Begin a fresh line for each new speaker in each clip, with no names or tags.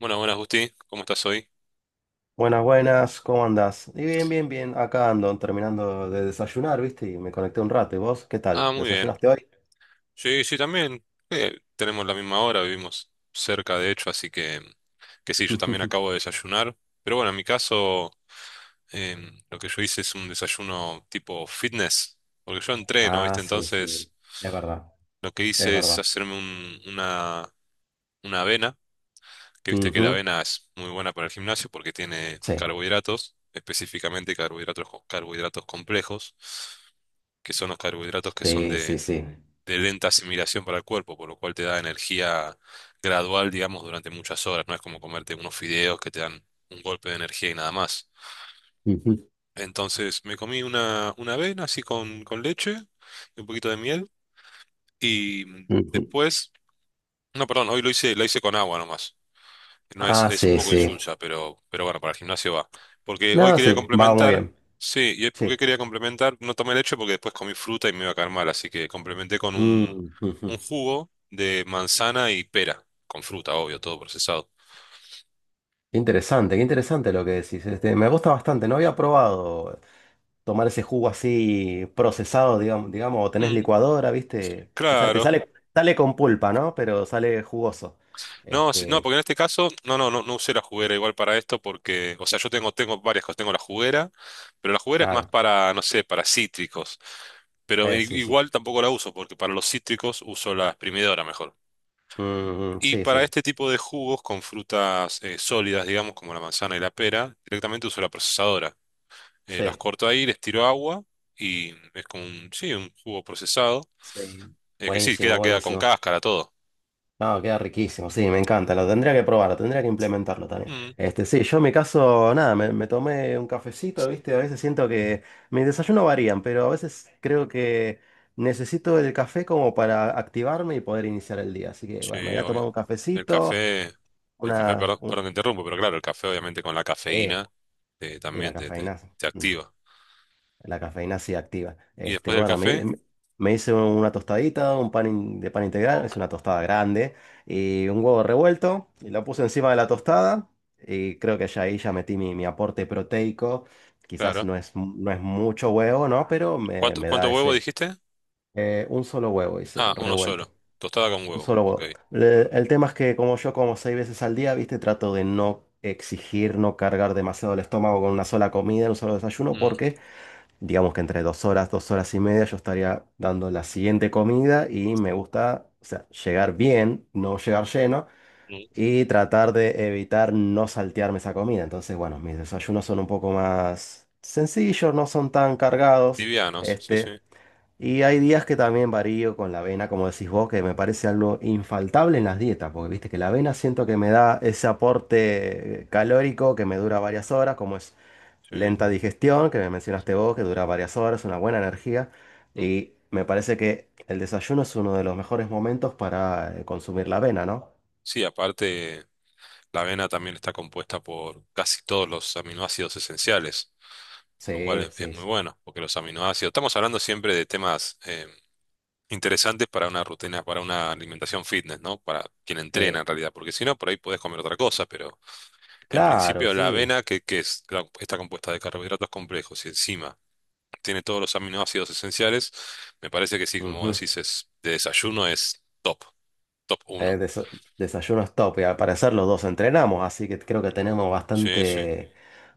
Buenas, buenas, Gusti. ¿Cómo estás hoy?
Buenas, buenas, ¿cómo andás? Y bien, acá ando terminando de desayunar, ¿viste? Y me conecté un rato. ¿Y vos? ¿Qué tal?
Ah, muy bien.
¿Desayunaste hoy?
Sí, sí, también. Tenemos la misma hora, vivimos cerca, de hecho, así que sí, yo también acabo de desayunar. Pero bueno, en mi caso, lo que yo hice es un desayuno tipo fitness, porque yo entreno,
Ah,
¿viste?
sí, sí,
Entonces,
es verdad,
lo que
es
hice es
verdad.
hacerme una avena, que viste que
Ujú.
la avena es muy buena para el gimnasio porque tiene
Sí,
carbohidratos, específicamente carbohidratos, carbohidratos complejos, que son los carbohidratos que son
sí, sí,
de
sí.
de lenta asimilación para el cuerpo, por lo cual te da energía gradual, digamos, durante muchas horas. No es como comerte unos fideos que te dan un golpe de energía y nada más.
Ujú,
Entonces me comí una avena así con leche y un poquito de miel y
ujú.
después, no, perdón, hoy lo hice con agua nomás. No es,
Ah,
es un
sí,
poco
sí.
insulsa, pero bueno, para el gimnasio va. Porque hoy
No,
quería
sí, va muy
complementar,
bien.
sí, ¿y por qué
Sí.
quería complementar? No tomé leche porque después comí fruta y me iba a caer mal, así que complementé con un,
Mm,
un
ujú.
jugo de manzana y pera, con fruta, obvio, todo procesado.
Qué interesante, qué interesante lo que decís. Me gusta bastante. No había probado tomar ese jugo así procesado, digamos, o tenés
Mm,
licuadora, ¿viste? O sea, te
claro.
sale, sale con pulpa, ¿no? Pero sale jugoso.
No, sí, no,
Este,
porque en este caso, no usé la juguera igual para esto porque, o sea, yo tengo varias cosas, tengo la juguera, pero la juguera es más
claro.
para, no sé, para cítricos. Pero
Sí, sí.
igual tampoco la uso, porque para los cítricos uso la exprimidora mejor.
Mm,
Y
sí,
para
sí.
este tipo de jugos con frutas sólidas, digamos, como la manzana y la pera, directamente uso la procesadora. Las
Sí,
corto ahí, les tiro agua y es como un, sí, un jugo procesado.
sí.
Que sí,
Buenísimo,
queda con
buenísimo.
cáscara, todo.
No, queda riquísimo, sí, me encanta, lo tendría que probar, lo tendría que implementarlo también.
Mm,
Sí, yo en mi caso, nada, me tomé un cafecito, ¿viste? A veces siento que mis desayunos varían, pero a veces creo que necesito el café como para activarme y poder iniciar el día. Así que, bueno, me
sí,
voy a tomar
obvio.
un
El
cafecito,
café, el café,
una...
perdón,
un-
perdón, te interrumpo, pero claro, el café obviamente con la
Sí,
cafeína
y la
también te, te,
cafeína.
te
mm,
activa.
La cafeína sí activa.
Y después del café,
Hice una tostadita, de pan integral, es una tostada grande, y un huevo revuelto, y lo puse encima de la tostada, y creo que ya ahí ya metí mi aporte proteico. Quizás
claro.
no es, mu- No es mucho huevo, ¿no? Pero
¿Cuánto,
me
cuánto
da
huevo
ese.
dijiste?
Un solo huevo, hice,
Ah, uno solo.
revuelto.
Tostada con
Un
huevo,
solo
ok.
huevo. El tema es que como yo como seis veces al día, ¿viste? Trato de no exigir, no cargar demasiado el estómago con una sola comida, un solo desayuno,
Mm,
porque... Digamos que entre dos horas y media yo estaría dando la siguiente comida y me gusta, o sea, llegar bien, no llegar lleno
mm.
y tratar de evitar no saltearme esa comida. Entonces, bueno, mis desayunos son un poco más sencillos, no son tan cargados,
Livianos, sí, sí,
este, y hay días que también varío con la avena, como decís vos, que me parece algo infaltable en las dietas, porque viste que la avena siento que me da ese aporte calórico que me dura varias horas, como es lenta
sí.
digestión, que me mencionaste vos, que dura varias horas, una buena energía.
Mm.
Y me parece que el desayuno es uno de los mejores momentos para consumir la avena, ¿no?
Sí, aparte, la avena también está compuesta por casi todos los aminoácidos esenciales, lo cual
Sí,
es
sí,
muy
sí.
bueno, porque los aminoácidos, estamos hablando siempre de temas interesantes para una rutina, para una alimentación fitness, ¿no? Para quien entrena
Sí.
en realidad, porque si no, por ahí puedes comer otra cosa, pero en
Claro,
principio la
sí.
avena, que es, claro, está compuesta de carbohidratos complejos y encima tiene todos los aminoácidos esenciales, me parece que sí, como vos
Ujú.
decís, de desayuno es top, top
Eh,
uno.
desa- Desayuno es top. Y al parecer los dos entrenamos, así que creo que tenemos
Sí, sí.
bastante,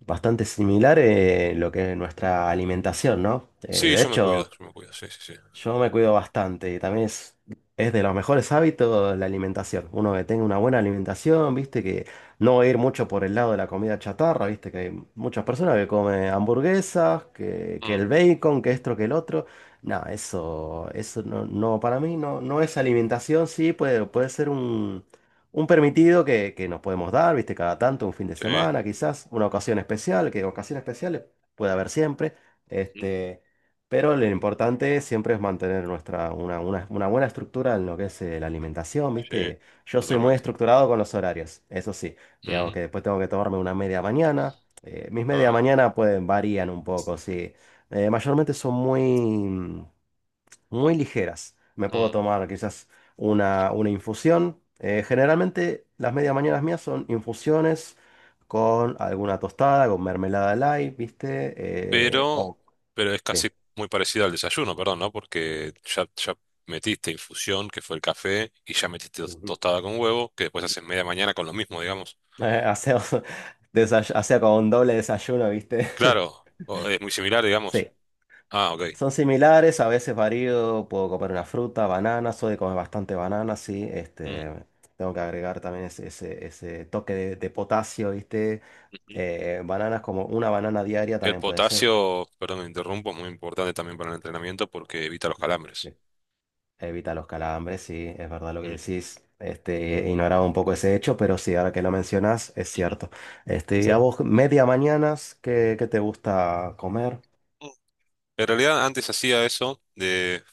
bastante similar lo que es nuestra alimentación, ¿no?
Sí, yo me cuido, sí, sí,
Yo me cuido bastante y también es de los mejores hábitos la alimentación. Uno que tenga una buena alimentación, viste, que no va a ir mucho por el lado de la comida chatarra, viste, que hay muchas personas que comen hamburguesas,
sí.
que el bacon, que esto, que el otro. No, eso no, no, para mí no, no es alimentación, sí, puede ser un permitido que nos podemos dar, viste, cada tanto, un fin de
Sí,
semana, quizás, una ocasión especial, que ocasiones especiales puede haber siempre. Este. Pero lo importante siempre es mantener una buena estructura en lo que es la alimentación,
sí,
¿viste? Yo soy muy
totalmente.
estructurado con los horarios, eso sí. Digamos
Ujú,
que después tengo que tomarme una media mañana. Mis media
ah,
mañana pueden varían un poco, sí. Mayormente son muy, mm, Muy ligeras. Me puedo
mm.
tomar quizás una infusión. Generalmente las medias mañanas mías son infusiones con alguna tostada, con mermelada light, ¿viste? Eh,
Pero,
o...
pero es casi muy parecido al desayuno, perdón, ¿no? Porque ya metiste infusión, que fue el café, y ya metiste
sí.
tostada con huevo, que después haces media mañana con lo mismo, digamos.
Eh, hacemos, Hacía como un doble desayuno, ¿viste?
Claro, es muy similar, digamos.
Sí,
Ah, ok.
son similares, a veces varío, puedo comer una fruta, banana, soy de comer bastante banana, sí,
Mm,
tengo que agregar también ese toque de potasio, ¿viste?
ujú.
Bananas como una banana diaria
El
también puede ser.
potasio, perdón, me interrumpo, es muy importante también para el entrenamiento porque evita los
Sí.
calambres.
Evita los calambres, sí, es verdad lo que
Mm.
decís. Ignoraba un poco ese hecho, pero sí, ahora que lo mencionas, es cierto. Este, ¿y a vos, media mañanas, qué te gusta comer?
En realidad antes hacía eso de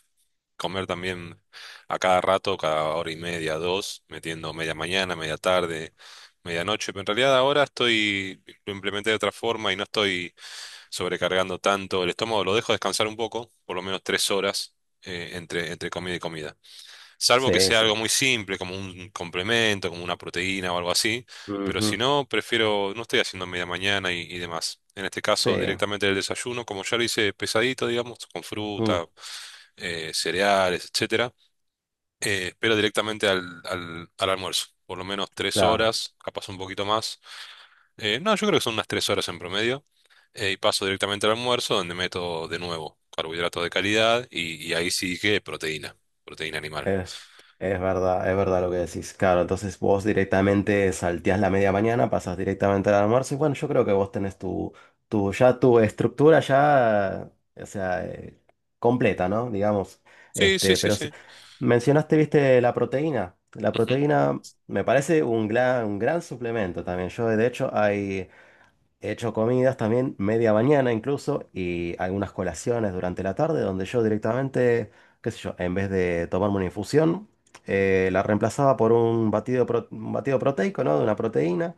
comer también a cada rato, cada hora y media, dos, metiendo media mañana, media tarde, medianoche. Pero en realidad ahora lo implementé de otra forma y no estoy sobrecargando tanto el estómago. Lo dejo descansar un poco, por lo menos 3 horas, entre comida y comida. Salvo que
Sí,
sea
sí.
algo muy simple, como un complemento, como una proteína o algo así. Pero si
Ujú.
no, prefiero, no estoy haciendo media mañana y demás. En este
Sí,
caso, directamente el desayuno, como ya lo hice pesadito, digamos, con
mm.
fruta, cereales, etcétera. Espero directamente al almuerzo. Por lo menos tres
Claro.
horas, capaz un poquito más. No, yo creo que son unas 3 horas en promedio. Y paso directamente al almuerzo, donde meto de nuevo carbohidratos de calidad y ahí sí que proteína animal.
Es, es verdad, es verdad lo que decís. Claro, entonces vos directamente salteás la media mañana, pasás directamente al almuerzo y bueno, yo creo que vos tenés tu estructura ya, o sea, completa, ¿no? Digamos.
Sí, sí,
Este,
sí,
pero sí-
sí.
Mencionaste, viste, la proteína. La
Ujú.
proteína me parece un gran suplemento también. Yo, de hecho, hay... He hecho comidas también media mañana incluso y algunas colaciones durante la tarde donde yo directamente, qué sé yo, en vez de tomarme una infusión, la reemplazaba por un batido proteico, ¿no? De una proteína.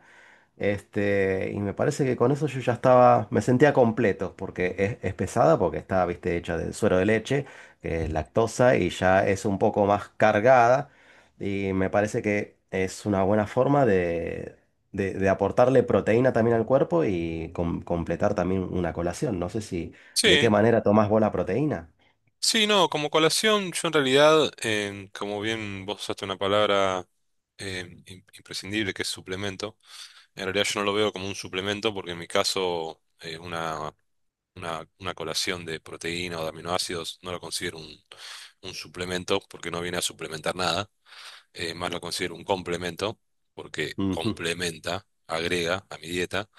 Y me parece que con eso yo ya estaba, me sentía completo, porque es pesada, porque está, viste, hecha de suero de leche, que es lactosa, y ya es un poco más cargada, y me parece que es una buena forma de aportarle proteína también al cuerpo y completar también una colación. No sé si, de qué
Sí,
manera tomás vos la proteína.
sí, no, como colación, yo en realidad, como bien vos usaste una palabra imprescindible que es suplemento, en realidad yo no lo veo como un suplemento porque en mi caso una colación de proteína o de aminoácidos no lo considero un suplemento porque no viene a suplementar nada, más lo considero un complemento porque
Ujú.
complementa, agrega a mi dieta.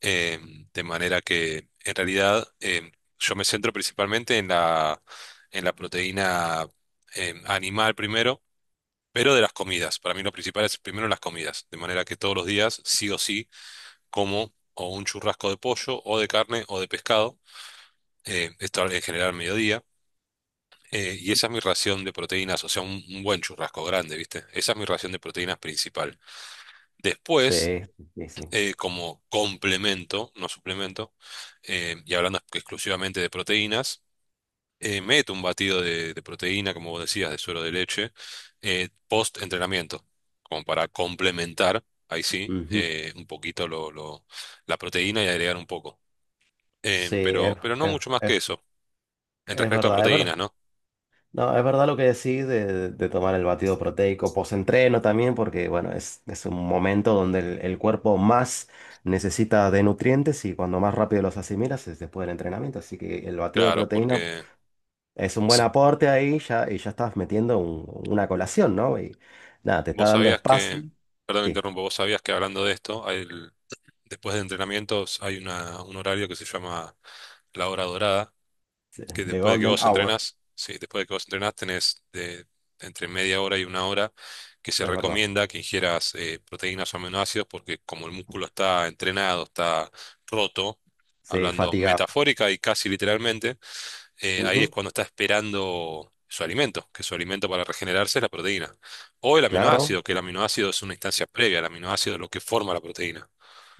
eh, de manera que en realidad yo me centro principalmente en la proteína animal primero, pero de las comidas. Para mí lo principal es primero las comidas, de manera que todos los días sí o sí como o un churrasco de pollo o de carne o de pescado, esto en general al mediodía. Y esa es mi ración de proteínas, o sea, un buen churrasco grande, ¿viste? Esa es mi ración de proteínas principal. Después
Sí, sí, sí.
como complemento, no suplemento, y hablando exclusivamente de proteínas, meto un batido de proteína, como vos decías, de suero de leche, post entrenamiento, como para complementar, ahí sí,
Ujú.
un poquito la proteína y agregar un poco. Eh,
Sí, es,
pero, pero no
es,
mucho más que
es,
eso, en
es
respecto a
verdad, es verdad.
proteínas, ¿no?
No, es verdad lo que decís de tomar el batido proteico post-entreno también, porque bueno, es un momento donde el cuerpo más necesita de nutrientes y cuando más rápido los asimilas es después del entrenamiento. Así que el batido de
Claro,
proteína
porque
es un buen
se-
aporte ahí ya, y ya estás metiendo una colación, ¿no? Y nada, te está
vos
dando
sabías
espacio.
que, perdón, me
Sí,
interrumpo, vos sabías que hablando de esto, hay Después de entrenamientos hay un horario que se llama la hora dorada, que
the
después de que
golden
vos
hour,
entrenás, sí, después de que vos entrenás entre media hora y una hora que se
es verdad.
recomienda que ingieras proteínas o aminoácidos porque como el músculo está entrenado, está roto,
Sí,
hablando
fatigado.
metafórica y casi literalmente, ahí es
Ujú,
cuando está esperando su alimento, que su alimento para regenerarse es la proteína. O el
claro.
aminoácido, que el aminoácido es una instancia previa, el aminoácido es lo que forma la proteína.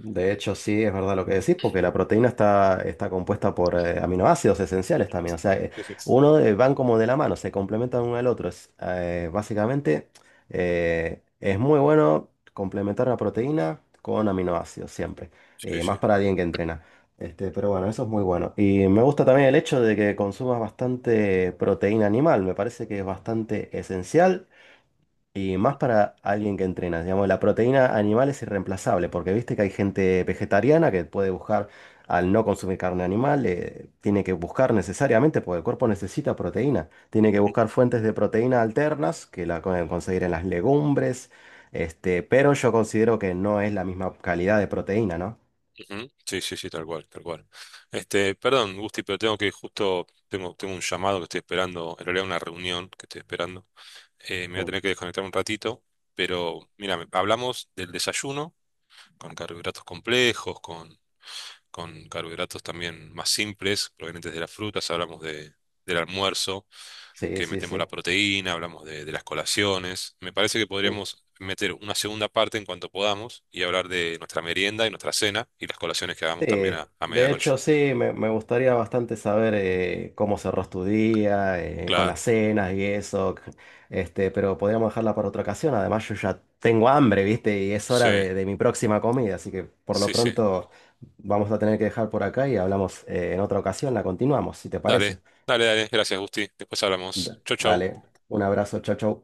De hecho, sí, es verdad lo que decís, porque la proteína está, está compuesta por aminoácidos esenciales también. O sea,
Sí, sí.
uno van como de la mano, se complementan uno al otro. Básicamente, es muy bueno complementar la proteína con aminoácidos siempre.
Sí,
Y más
sí.
para alguien que entrena. Este, pero bueno, eso es muy bueno. Y me gusta también el hecho de que consumas bastante proteína animal. Me parece que es bastante esencial y más para alguien que entrena, digamos, la proteína animal es irreemplazable, porque viste que hay gente vegetariana que puede buscar, al no consumir carne animal, tiene que buscar necesariamente, porque el cuerpo necesita proteína, tiene que buscar fuentes de proteína alternas, que la pueden conseguir en las legumbres, este, pero yo considero que no es la misma calidad de proteína, ¿no?
Ujú. Sí, sí, sí, tal cual, tal cual. Este, perdón, Gusti, pero tengo un llamado que estoy esperando, en realidad una reunión que estoy esperando. Me voy a
Mm.
tener que desconectar un ratito, pero mira, hablamos del desayuno con carbohidratos complejos, con carbohidratos también más simples, provenientes de las frutas, hablamos del almuerzo.
Sí,
Que
sí,
metemos la
sí.
proteína, hablamos de las colaciones. Me parece que
Mm.
podríamos meter una segunda parte en cuanto podamos y hablar de nuestra merienda y nuestra cena y las colaciones que hagamos
Sí,
también a
de
medianoche.
hecho sí, me gustaría bastante saber cómo cerró tu día, con
Claro,
las cenas y eso, este, pero podríamos dejarla para otra ocasión. Además yo ya tengo hambre, ¿viste? Y es
sí,
hora de mi próxima comida, así que por lo
sí, sí.
pronto vamos a tener que dejar por acá y hablamos en otra ocasión, la continuamos, si te
Dale,
parece.
dale, dale. Gracias, Gusti. Después hablamos. Chau, chau.
Dale, un abrazo, chau, chau.